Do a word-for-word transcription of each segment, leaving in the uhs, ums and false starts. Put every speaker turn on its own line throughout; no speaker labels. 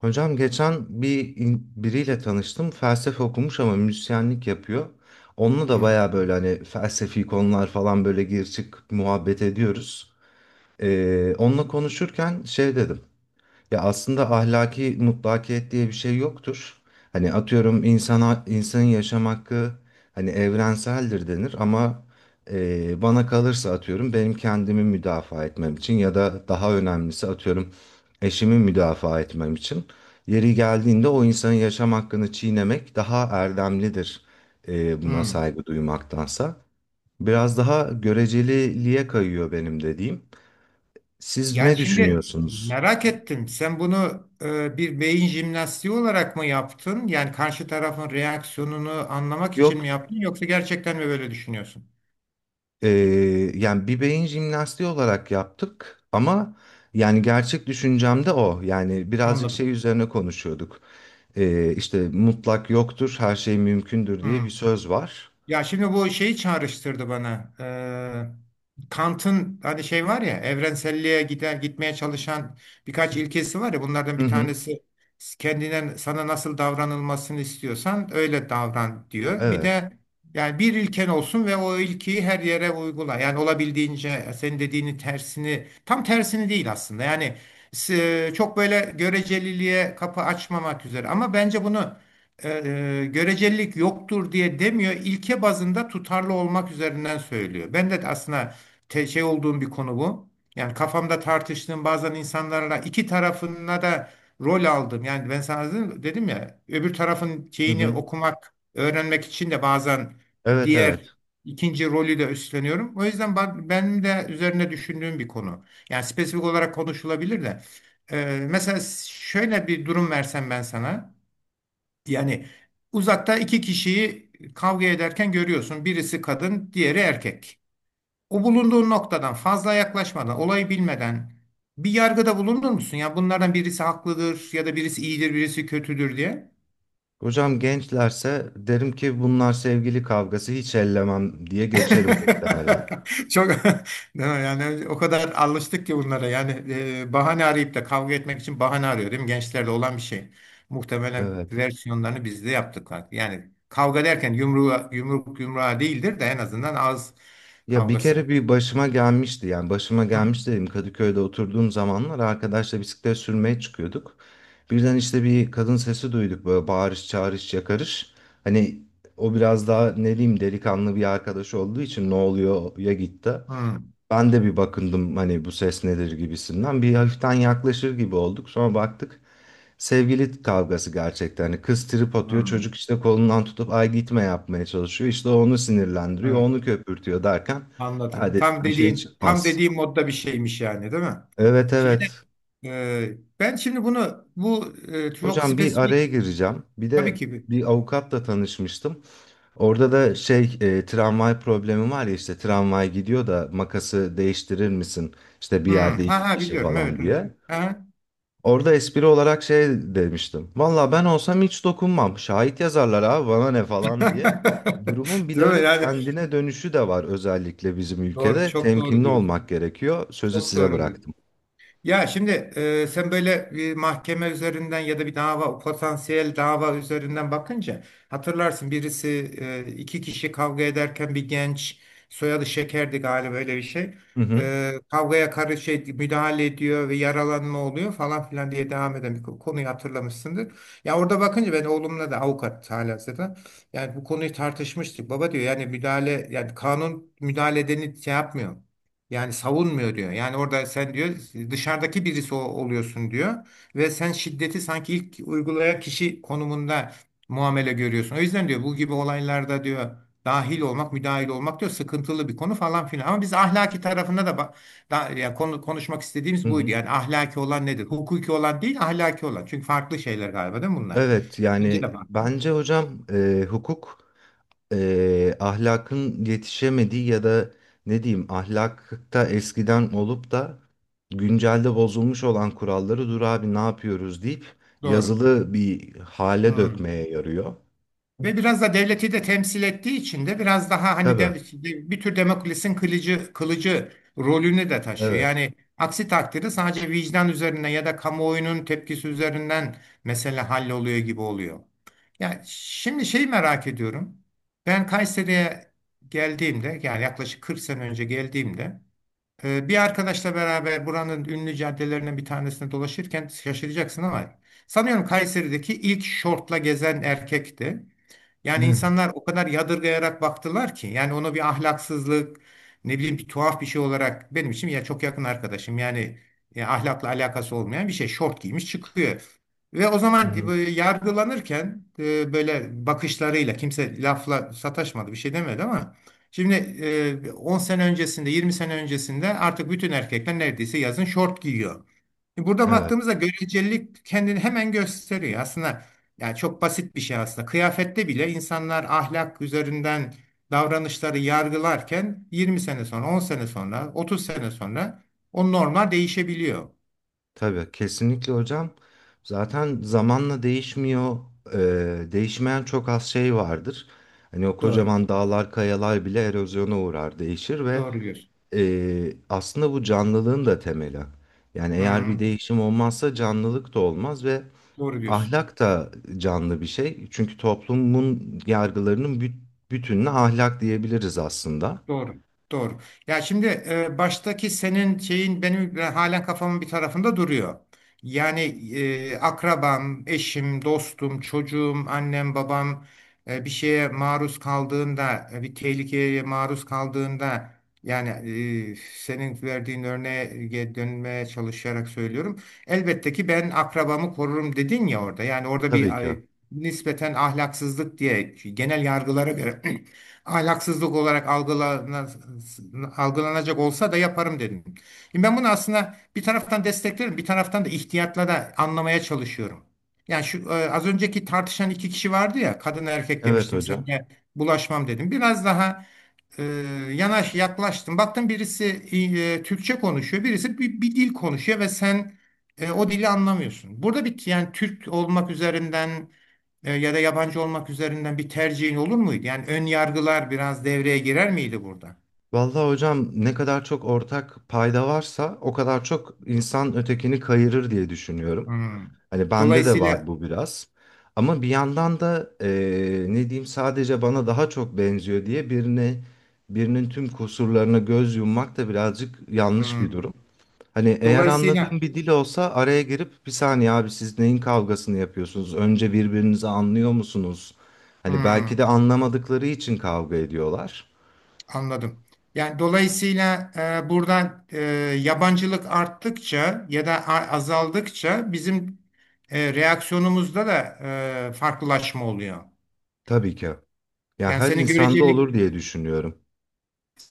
Hocam geçen bir in- biriyle tanıştım. Felsefe okumuş ama müzisyenlik yapıyor. Onunla da
Hı,
baya böyle hani felsefi konular falan böyle gir çık muhabbet ediyoruz. Ee, onunla konuşurken şey dedim. Ya aslında ahlaki mutlakiyet diye bir şey yoktur. Hani atıyorum insana insanın yaşam hakkı hani evrenseldir denir ama e, bana kalırsa atıyorum benim kendimi müdafaa etmem için ya da daha önemlisi atıyorum eşimi müdafaa etmem için yeri geldiğinde o insanın yaşam hakkını çiğnemek daha erdemlidir e, buna
hı.
saygı duymaktansa. Biraz daha göreceliliğe kayıyor benim dediğim. Siz
Yani
ne
şimdi
düşünüyorsunuz?
merak ettim. Sen bunu e, bir beyin jimnastiği olarak mı yaptın? Yani karşı tarafın reaksiyonunu anlamak için mi
Yok.
yaptın? Yoksa gerçekten mi böyle düşünüyorsun?
Ee, Yani bir beyin jimnastiği olarak yaptık ama yani gerçek düşüncem de o. Yani birazcık
Anladım.
şey üzerine konuşuyorduk. Ee, işte mutlak yoktur, her şey mümkündür diye
Hı.
bir söz var.
Ya şimdi bu şeyi çağrıştırdı bana. Ee, Kant'ın hani şey var ya evrenselliğe gider gitmeye çalışan birkaç ilkesi var ya bunlardan
Hı
bir
hı.
tanesi kendine sana nasıl davranılmasını istiyorsan öyle davran diyor. Bir
Evet.
de yani bir ilken olsun ve o ilkiyi her yere uygula. Yani olabildiğince senin dediğini tersini tam tersini değil aslında. Yani s- çok böyle göreceliliğe kapı açmamak üzere ama bence bunu e, görecelilik yoktur diye demiyor. İlke bazında tutarlı olmak üzerinden söylüyor. Ben de aslında te- şey olduğum bir konu bu. Yani kafamda tartıştığım bazen insanlarla iki tarafına da rol aldım. Yani ben sana dedim, dedim ya öbür tarafın
Hı
şeyini
hı.
okumak, öğrenmek için de bazen
Evet, evet.
diğer ikinci rolü de üstleniyorum. O yüzden ben, benim de üzerine düşündüğüm bir konu. Yani spesifik olarak konuşulabilir de. E, mesela şöyle bir durum versem ben sana. Yani uzakta iki kişiyi kavga ederken görüyorsun. Birisi kadın, diğeri erkek. O bulunduğun noktadan fazla yaklaşmadan, olayı bilmeden bir yargıda bulunur musun? Ya bunlardan birisi haklıdır ya da birisi iyidir, birisi kötüdür diye.
Hocam gençlerse derim ki bunlar sevgili kavgası, hiç ellemem diye geçerim muhtemelen.
Çok değil mi? Yani o kadar alıştık ki bunlara. Yani e, bahane arayıp da kavga etmek için bahane arıyor değil mi? Gençlerde olan bir şey. Muhtemelen
Evet.
versiyonlarını biz de yaptık. Yani kavga derken yumruğa, yumruk yumruğa değildir de en azından ağız
Ya bir
kavgası.
kere bir başıma gelmişti, yani başıma
Hı,
gelmiş dedim, Kadıköy'de oturduğum zamanlar arkadaşla bisiklet sürmeye çıkıyorduk. Birden işte bir kadın sesi duyduk, böyle bağırış çağırış yakarış. Hani o biraz daha ne diyeyim, delikanlı bir arkadaş olduğu için ne oluyor ya gitti.
hı,
Ben de bir bakındım hani bu ses nedir gibisinden. Bir hafiften yaklaşır gibi olduk. Sonra baktık sevgili kavgası gerçekten. Hani kız trip atıyor.
hı.
Çocuk işte kolundan tutup ay gitme yapmaya çalışıyor. İşte o onu sinirlendiriyor.
Evet,
Onu köpürtüyor derken ha
anladım.
dedik,
Tam
bir şey
dediğin tam
çıkmaz.
dediğim modda bir şeymiş yani değil mi?
Evet,
Şeyde
evet.
e, ben şimdi bunu bu e, çok
Hocam bir
spesifik
araya gireceğim. Bir
tabii
de
ki.
bir avukatla tanışmıştım. Orada da şey e, tramvay problemi var ya, işte tramvay gidiyor da makası değiştirir misin? İşte bir
Hmm,
yerde iki
ha ha
kişi
biliyorum, evet
falan
evet.
diye.
Ha.
Orada espri olarak şey demiştim. Valla ben olsam hiç dokunmam. Şahit yazarlar, abi bana ne falan diye. Durumun bir de
Değil mi?
öyle
Yani
kendine dönüşü de var, özellikle bizim
doğru
ülkede.
çok doğru
Temkinli
diyorsun.
olmak gerekiyor. Sözü
Çok
size
doğru diyorsun.
bıraktım.
Ya şimdi e, sen böyle bir mahkeme üzerinden ya da bir dava, potansiyel dava üzerinden bakınca hatırlarsın birisi, e, iki kişi kavga ederken bir genç, soyadı Şeker'di galiba öyle bir şey.
Hı hı,
E, kavgaya karış şey, müdahale ediyor ve yaralanma oluyor falan filan diye devam eden bir konuyu hatırlamışsındır. Ya orada bakınca, ben oğlumla da avukat halihazırda yani bu konuyu tartışmıştık. Baba diyor, yani müdahale, yani kanun müdahale edeni şey yapmıyor. Yani savunmuyor diyor. Yani orada sen diyor dışarıdaki birisi o- oluyorsun diyor ve sen şiddeti sanki ilk uygulayan kişi konumunda muamele görüyorsun. O yüzden diyor bu gibi olaylarda diyor dahil olmak, müdahil olmak diyor sıkıntılı bir konu falan filan. Ama biz ahlaki tarafında da, ba- da yani konu, konuşmak
hı
istediğimiz buydu.
hı.
Yani ahlaki olan nedir? Hukuki olan değil, ahlaki olan. Çünkü farklı şeyler galiba, değil mi bunlar?
Evet,
Bence
yani
de bak.
bence hocam e, hukuk eee, ahlakın yetişemediği ya da ne diyeyim ahlakta eskiden olup da güncelde bozulmuş olan kuralları dur abi ne yapıyoruz deyip
Doğru.
yazılı bir hale
Hmm.
dökmeye yarıyor.
Ve biraz da devleti de temsil ettiği için de biraz daha hani de,
Tabii.
bir tür Demokles'in kılıcı, kılıcı rolünü de taşıyor.
Evet.
Yani aksi takdirde sadece vicdan üzerinden ya da kamuoyunun tepkisi üzerinden mesele halloluyor gibi oluyor. Yani şimdi şeyi merak ediyorum. Ben Kayseri'ye geldiğimde, yani yaklaşık kırk sene önce geldiğimde, e, bir arkadaşla beraber buranın ünlü caddelerinden bir tanesinde dolaşırken, şaşıracaksın ama sanıyorum Kayseri'deki ilk şortla gezen erkekti. Yani
Hı
insanlar o kadar yadırgayarak baktılar ki, yani onu bir ahlaksızlık, ne bileyim, bir tuhaf bir şey olarak, benim için ya çok yakın arkadaşım yani, e, ahlakla alakası olmayan bir şey, şort giymiş çıkıyor. Ve o zaman e,
hı.
böyle yargılanırken e, böyle bakışlarıyla, kimse lafla sataşmadı, bir şey demedi ama şimdi, e, on sene öncesinde, yirmi sene öncesinde, artık bütün erkekler neredeyse yazın şort giyiyor. Burada
Evet.
baktığımızda görecelilik kendini hemen gösteriyor. Aslında yani çok basit bir şey aslında. Kıyafette bile insanlar ahlak üzerinden davranışları yargılarken yirmi sene sonra, on sene sonra, otuz sene sonra o normlar değişebiliyor.
Tabii. Kesinlikle hocam. Zaten zamanla değişmiyor. Eee, değişmeyen çok az şey vardır. Hani o
Doğru.
kocaman dağlar, kayalar bile erozyona uğrar, değişir ve
Doğru diyorsun.
Ee, aslında bu canlılığın da temeli. Yani
Hı,
eğer bir
hı.
değişim olmazsa canlılık da olmaz ve
doğru diyorsun.
ahlak da canlı bir şey. Çünkü toplumun yargılarının büt- bütününe ahlak diyebiliriz aslında.
Doğru. Doğru. Ya şimdi e, baştaki senin şeyin benim e, halen kafamın bir tarafında duruyor. Yani e, akrabam, eşim, dostum, çocuğum, annem, babam e, bir şeye maruz kaldığında, e, bir tehlikeye maruz kaldığında, yani e, senin verdiğin örneğe dönmeye çalışarak söylüyorum. Elbette ki ben akrabamı korurum dedin ya orada. Yani orada
Tabii
bir
ki.
ay, nispeten ahlaksızlık diye, genel yargılara göre ahlaksızlık olarak algılana- algılanacak olsa da yaparım dedim. Şimdi ben bunu aslında bir taraftan desteklerim, bir taraftan da ihtiyatla da anlamaya çalışıyorum. Yani şu e, az önceki tartışan iki kişi vardı ya, kadın erkek
Evet
demiştim, sen
hocam.
bulaşmam dedim. Biraz daha e, yanaş yaklaştın. Baktın birisi e, Türkçe konuşuyor, birisi bir, bir dil konuşuyor ve sen e, o dili anlamıyorsun. Burada bir, yani Türk olmak üzerinden e, ya da yabancı olmak üzerinden bir tercihin olur muydu? Yani ön yargılar biraz devreye girer miydi burada?
Vallahi hocam, ne kadar çok ortak payda varsa o kadar çok insan ötekini kayırır diye düşünüyorum.
Hmm.
Hani bende de var
Dolayısıyla,
bu biraz. Ama bir yandan da eee, ne diyeyim sadece bana daha çok benziyor diye birine birinin tüm kusurlarına göz yummak da birazcık yanlış bir
hmm.
durum. Hani eğer anladığım
Dolayısıyla,
bir dil olsa araya girip bir saniye, abi siz neyin kavgasını yapıyorsunuz? Önce birbirinizi anlıyor musunuz? Hani belki
hmm.
de anlamadıkları için kavga ediyorlar.
Anladım. Yani dolayısıyla e, buradan, e, yabancılık arttıkça ya da a- azaldıkça bizim e, reaksiyonumuzda da e, farklılaşma oluyor.
Tabii ki. Ya
Yani
her
senin
insanda
görecelik
olur diye düşünüyorum.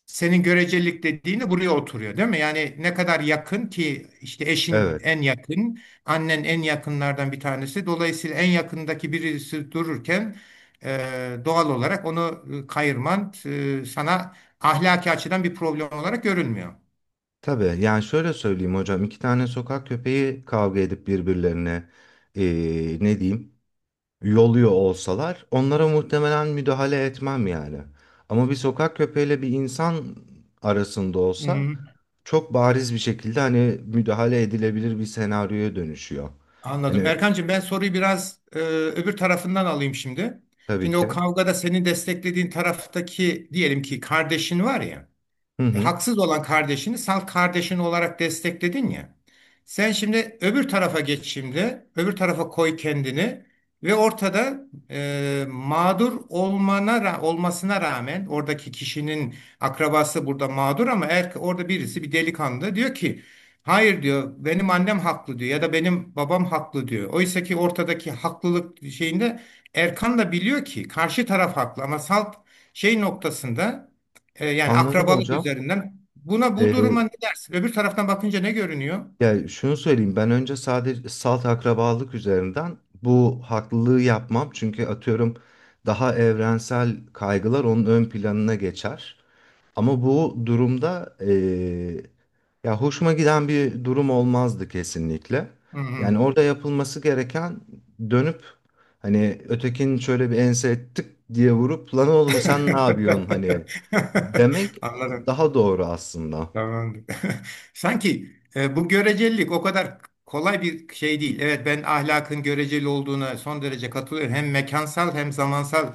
senin görecelik dediğin de buraya oturuyor, değil mi? Yani ne kadar yakın ki işte eşin
Evet.
en yakın, annen en yakınlardan bir tanesi. Dolayısıyla en yakındaki birisi dururken e, doğal olarak onu e, kayırman e, sana ahlaki açıdan bir problem olarak görünmüyor.
Tabii, yani şöyle söyleyeyim hocam, iki tane sokak köpeği kavga edip birbirlerine eee, ne diyeyim yoluyor olsalar onlara muhtemelen müdahale etmem yani. Ama bir sokak köpeğiyle bir insan arasında olsa
Hı-hı.
çok bariz bir şekilde hani müdahale edilebilir bir senaryoya dönüşüyor.
Anladım.
Hani
Erkancığım, ben soruyu biraz e, öbür tarafından alayım şimdi.
tabii
Şimdi
ki.
o kavgada seni desteklediğin taraftaki, diyelim ki kardeşin var ya.
Hı
E,
hı.
haksız olan kardeşini salt kardeşin olarak destekledin ya. Sen şimdi öbür tarafa geç şimdi. Öbür tarafa koy kendini ve ortada, e, mağdur olmana ra- olmasına rağmen oradaki kişinin akrabası burada mağdur, ama er, orada birisi, bir delikanlı diyor ki hayır diyor, benim annem haklı diyor ya da benim babam haklı diyor. Oysa ki ortadaki haklılık şeyinde Erkan da biliyor ki karşı taraf haklı, ama salt şey noktasında, e, yani
Anladım
akrabalık
hocam.
üzerinden. Buna bu
Ee,
duruma ne dersin? Öbür taraftan bakınca ne görünüyor?
Ya şunu söyleyeyim, ben önce sadece salt akrabalık üzerinden bu haklılığı yapmam. Çünkü atıyorum daha evrensel kaygılar onun ön planına geçer. Ama bu durumda eee, ya hoşuma giden bir durum olmazdı kesinlikle.
Hı hı.
Yani orada yapılması gereken dönüp hani ötekinin şöyle bir ense tık diye vurup lan oğlum sen ne yapıyorsun hani demek
Anladım.
daha doğru aslında.
Tamam. Sanki e, bu görecelilik o kadar kolay bir şey değil. Evet, ben ahlakın göreceli olduğuna son derece katılıyorum. Hem mekansal hem zamansal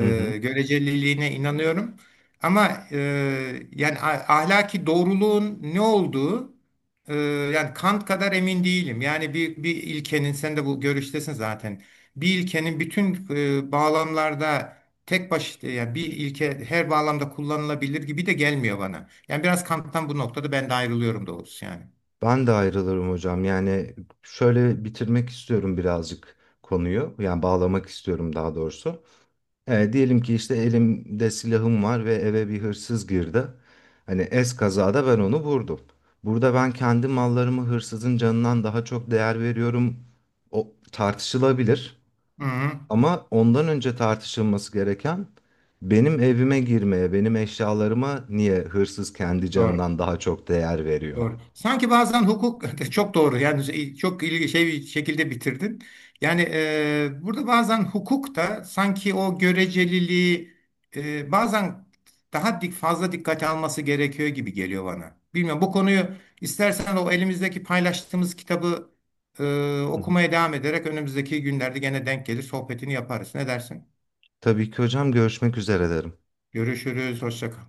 Hı hı.
göreceliliğine inanıyorum. Ama e, yani a- ahlaki doğruluğun ne olduğu, e, yani Kant kadar emin değilim. Yani bir, bir ilkenin, sen de bu görüştesin zaten. Bir ilkenin bütün e, bağlamlarda tek başına, yani bir ilke her bağlamda kullanılabilir gibi de gelmiyor bana. Yani biraz Kant'tan bu noktada ben de ayrılıyorum doğrusu yani.
Ben de ayrılırım hocam. Yani şöyle bitirmek istiyorum birazcık konuyu. Yani bağlamak istiyorum daha doğrusu. Ee, diyelim ki işte elimde silahım var ve eve bir hırsız girdi. Hani es kazada ben onu vurdum. Burada ben kendi mallarımı hırsızın canından daha çok değer veriyorum. O tartışılabilir.
Hı hı.
Ama ondan önce tartışılması gereken, benim evime girmeye, benim eşyalarıma niye hırsız kendi
Doğru.
canından daha çok değer veriyor?
Doğru. Sanki bazen hukuk, çok doğru, yani şey, çok ilgi şey bir şekilde bitirdin. Yani e, burada bazen hukuk da sanki o göreceliliği, e, bazen daha dik fazla dikkate alması gerekiyor gibi geliyor bana. Bilmiyorum, bu konuyu istersen o elimizdeki paylaştığımız kitabı e, okumaya devam ederek önümüzdeki günlerde gene denk gelir, sohbetini yaparız. Ne dersin?
Tabii ki hocam, görüşmek üzere derim.
Görüşürüz. Hoşça kal.